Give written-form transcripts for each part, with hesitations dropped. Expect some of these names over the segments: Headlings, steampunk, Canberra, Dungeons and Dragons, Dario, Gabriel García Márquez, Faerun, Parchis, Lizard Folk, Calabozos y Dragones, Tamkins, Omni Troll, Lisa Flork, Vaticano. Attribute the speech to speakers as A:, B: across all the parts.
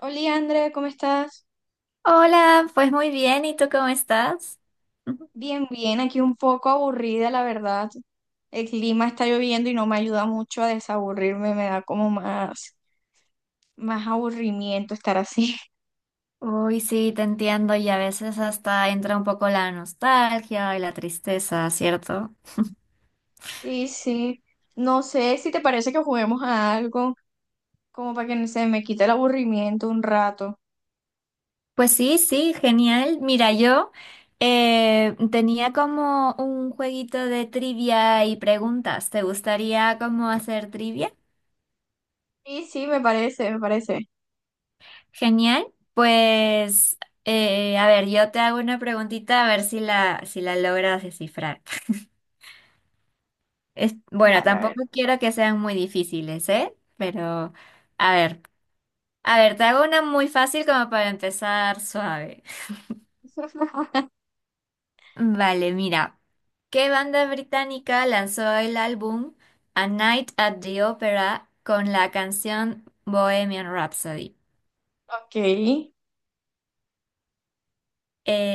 A: Hola, Andrea, ¿cómo estás?
B: Hola, pues muy bien, ¿y tú cómo estás?
A: Bien, bien, aquí un poco aburrida, la verdad. El clima está lloviendo y no me ayuda mucho a desaburrirme, me da como más aburrimiento estar así.
B: Uy, sí, te entiendo y a veces hasta entra un poco la nostalgia y la tristeza, ¿cierto?
A: Sí, sí. No sé si te parece que juguemos a algo, como para que no se me quite el aburrimiento un rato.
B: Pues sí, sí, genial. Mira, yo tenía como un jueguito de trivia y preguntas. ¿Te gustaría como hacer trivia?
A: Sí, sí, me parece.
B: Genial. Pues, a ver, yo te hago una preguntita a ver si la logras descifrar. Es, bueno,
A: Dale, a ver.
B: tampoco quiero que sean muy difíciles, ¿eh? Pero, a ver, a ver, te hago una muy fácil como para empezar suave. Vale, mira. ¿Qué banda británica lanzó el álbum A Night at the Opera con la canción Bohemian Rhapsody?
A: Ok.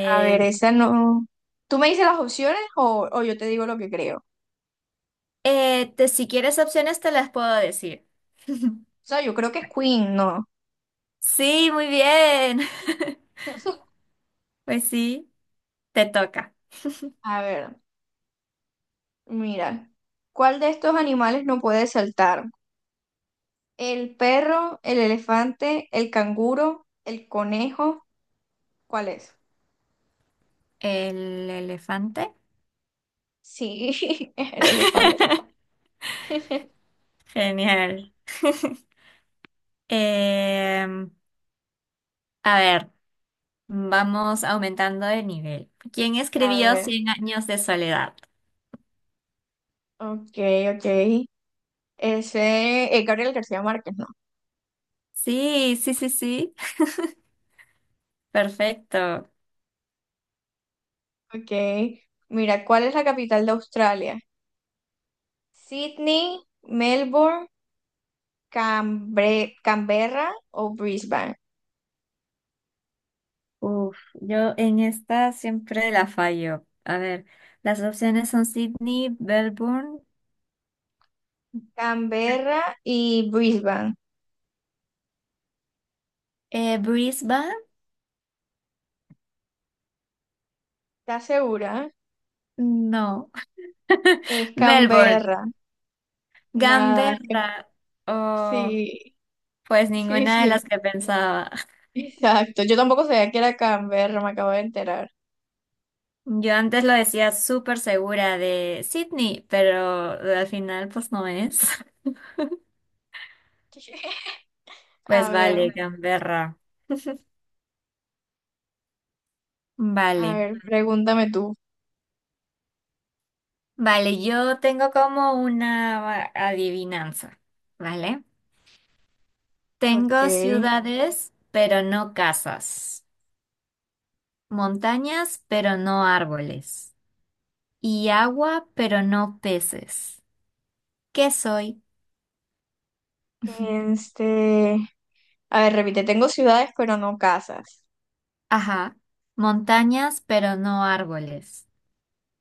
A: A ver, esa no. ¿Tú me dices las opciones o yo te digo lo que creo? O
B: si quieres opciones te las puedo decir.
A: sea, yo creo que es Queen, ¿no?
B: Sí, muy bien. Pues sí, te toca.
A: A ver. Mira, ¿cuál de estos animales no puede saltar? ¿El perro, el elefante, el canguro, el conejo? ¿Cuál es?
B: El elefante.
A: Sí, es el elefante.
B: Genial. Em, a ver, vamos aumentando de nivel. ¿Quién
A: A
B: escribió
A: ver,
B: Cien años de soledad?
A: ok, ok. Ese es Gabriel García Márquez, ¿no?
B: Sí, sí, sí, sí. Perfecto.
A: Ok. Mira, ¿cuál es la capital de Australia? ¿Sydney, Melbourne, Canberra o Brisbane?
B: Uf, yo en esta siempre la fallo. A ver, las opciones son Sydney, Melbourne,
A: Canberra y Brisbane.
B: Brisbane,
A: ¿Estás segura?
B: no,
A: Es
B: Melbourne,
A: Canberra. Nada, es que
B: Canberra. Oh,
A: sí,
B: pues
A: sí,
B: ninguna de las
A: sí.
B: que pensaba.
A: Exacto. Yo tampoco sabía que era Canberra, me acabo de enterar.
B: Yo antes lo decía súper segura de Sydney, pero al final pues no es. Pues
A: A ver,
B: vale, Canberra.
A: a
B: Vale.
A: ver, pregúntame tú.
B: Vale, yo tengo como una adivinanza, ¿vale?
A: Ok.
B: Tengo ciudades, pero no casas. Montañas, pero no árboles. Y agua, pero no peces. ¿Qué soy?
A: Este, a ver, repite, tengo ciudades, pero no casas.
B: Ajá. Montañas, pero no árboles.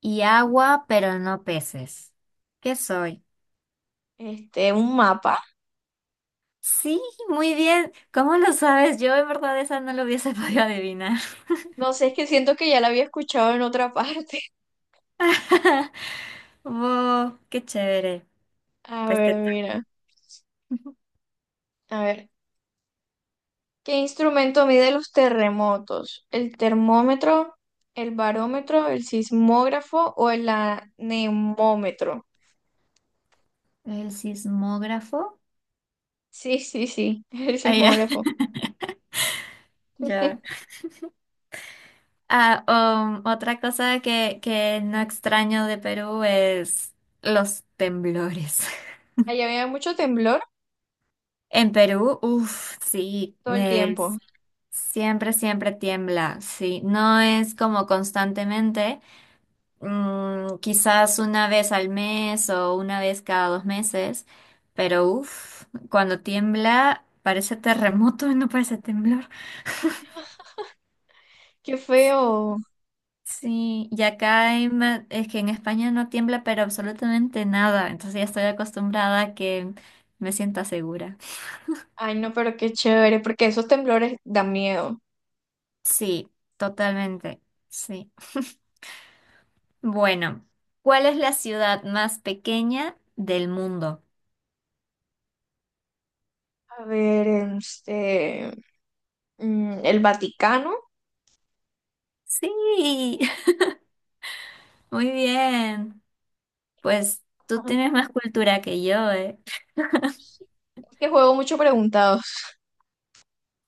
B: Y agua, pero no peces. ¿Qué soy?
A: Este, un mapa.
B: Sí, muy bien. ¿Cómo lo sabes? Yo en verdad esa no lo hubiese podido adivinar.
A: No sé, es que siento que ya la había escuchado en otra parte.
B: Wow, qué chévere.
A: A
B: Pues
A: ver,
B: te toca.
A: mira. A ver, ¿qué instrumento mide los terremotos? ¿El termómetro, el barómetro, el sismógrafo o el anemómetro?
B: El sismógrafo.
A: Sí, sí, sí, el
B: Ah, ya.
A: sismógrafo.
B: Ya. Ah, Otra cosa que no extraño de Perú es los temblores.
A: Allá había mucho temblor
B: En Perú, uff, sí,
A: todo el tiempo.
B: es, siempre, siempre tiembla, sí. No es como constantemente. Quizás una vez al mes o una vez cada 2 meses, pero uff, cuando tiembla parece terremoto, no parece temblor.
A: Qué feo.
B: Sí, y acá en es que en España no tiembla, pero absolutamente nada, entonces ya estoy acostumbrada a que me sienta segura.
A: Ay, no, pero qué chévere, porque esos temblores dan miedo.
B: Sí, totalmente, sí. Bueno, ¿cuál es la ciudad más pequeña del mundo?
A: A ver, este, mm, el Vaticano.
B: Sí, muy bien. Pues tú
A: Ajá.
B: tienes más cultura que yo, ¿eh?
A: Es que juego mucho preguntados.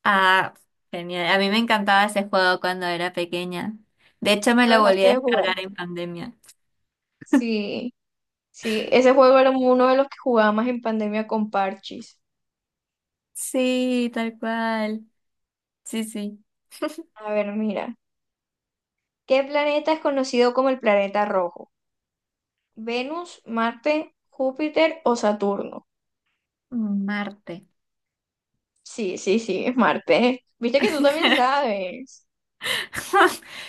B: Ah, genial. A mí me encantaba ese juego cuando era pequeña. De hecho, me
A: Lo
B: lo volví
A: dejaste
B: a
A: de jugar.
B: descargar en pandemia.
A: Sí, sí, ese juego era uno de los que jugaba más en pandemia con Parchis.
B: Sí, tal cual. Sí, sí.
A: A ver, mira. ¿Qué planeta es conocido como el planeta rojo? ¿Venus, Marte, Júpiter o Saturno?
B: Marte.
A: Sí, sí, sí, es Marte. Viste que tú también sabes.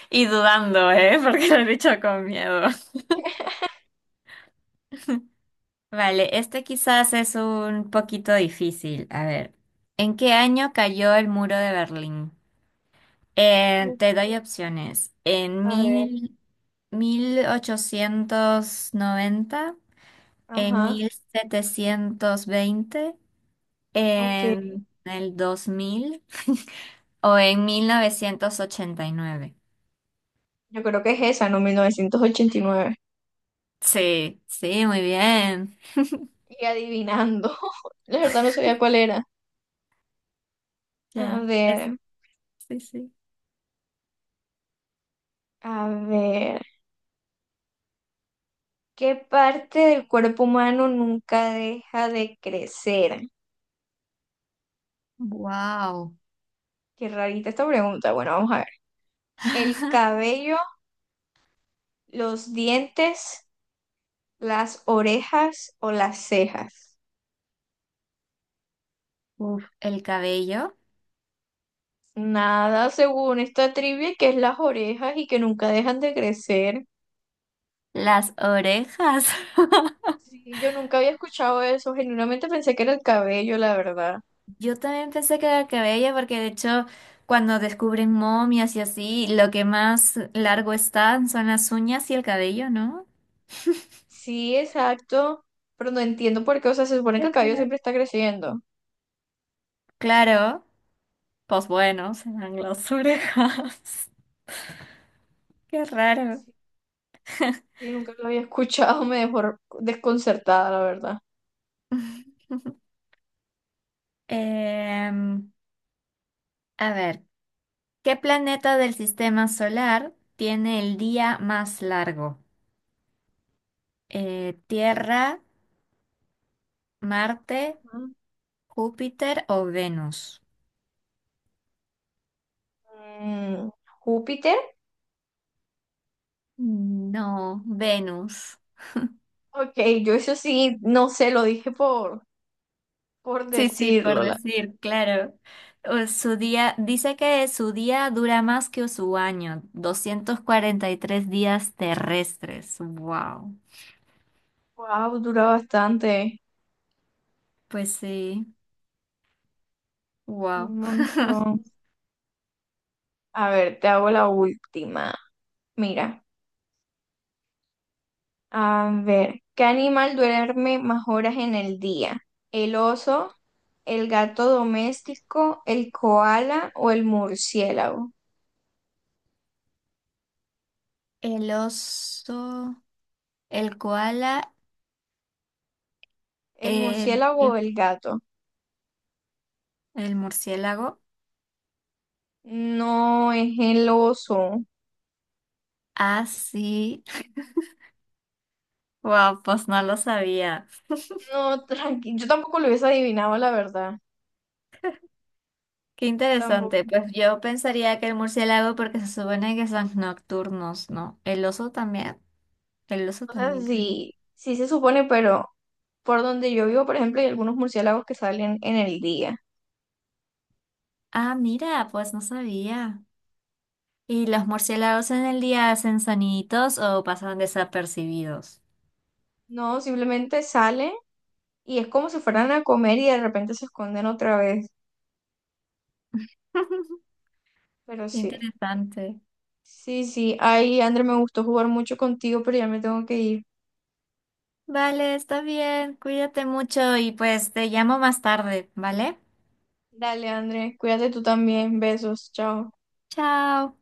B: Y dudando, ¿eh? Porque lo he dicho con miedo. Vale, este quizás es un poquito difícil. A ver, ¿en qué año cayó el muro de Berlín?
A: Mm,
B: Te doy opciones. En
A: a ver,
B: mil... 1890, en
A: ajá,
B: 1720,
A: ok.
B: en el 2000, o en 1989.
A: Yo creo que es esa, ¿no? 1989.
B: Sí, sí, muy bien.
A: Y adivinando. La verdad no sabía cuál era. A
B: Ya, es-
A: ver,
B: sí, sí.
A: a ver. ¿Qué parte del cuerpo humano nunca deja de crecer?
B: Wow.
A: Qué rarita esta pregunta. Bueno, vamos a ver. ¿El cabello, los dientes, las orejas o las cejas?
B: Uf, el cabello,
A: Nada, según esta trivia, que es las orejas y que nunca dejan de crecer.
B: las orejas.
A: Sí, yo nunca había escuchado eso, genuinamente pensé que era el cabello, la verdad.
B: Yo también pensé que era el cabello porque de hecho cuando descubren momias y así, lo que más largo están son las uñas y el cabello, ¿no?
A: Sí, exacto, pero no entiendo por qué, o sea, se supone
B: Qué
A: que el cabello
B: raro.
A: siempre está creciendo.
B: Claro, pues bueno, se dan las orejas. Qué raro.
A: Y nunca lo había escuchado, me dejó desconcertada, la verdad.
B: Em, a ver, ¿qué planeta del sistema solar tiene el día más largo? ¿Tierra, Marte, Júpiter o Venus?
A: Mm, ¿Júpiter?
B: No, Venus.
A: Ok, yo eso sí, no sé, lo dije por
B: Sí, sí, por
A: decirlo. La...
B: decir, claro. O su día, dice que su día dura más que su año, 243 días terrestres. Wow.
A: Wow, dura bastante,
B: Pues sí,
A: un
B: wow.
A: montón. A ver, te hago la última. Mira, a ver, ¿qué animal duerme más horas en el día? ¿El oso, el gato doméstico, el koala o el murciélago?
B: El oso, el koala,
A: ¿El
B: el,
A: murciélago
B: ¿qué?
A: o el gato?
B: El murciélago.
A: No, es el oso.
B: Ah, sí. Wow, pues no lo sabía.
A: No, tranqui, yo tampoco lo hubiese adivinado, la verdad.
B: Qué interesante.
A: Tampoco.
B: Pues yo pensaría que el murciélago porque se supone que son nocturnos, ¿no? El oso también. El oso
A: O sea,
B: también creo.
A: sí, sí se supone, pero por donde yo vivo, por ejemplo, hay algunos murciélagos que salen en el día.
B: Ah, mira, pues no sabía. ¿Y los murciélagos en el día hacen soniditos o pasan desapercibidos?
A: No, simplemente salen y es como si fueran a comer y de repente se esconden otra vez. Pero sí,
B: Interesante.
A: sí, sí. Ay, André, me gustó jugar mucho contigo, pero ya me tengo que ir.
B: Vale, está bien. Cuídate mucho y pues te llamo más tarde, ¿vale?
A: Dale, André, cuídate tú también. Besos, chao.
B: Chao.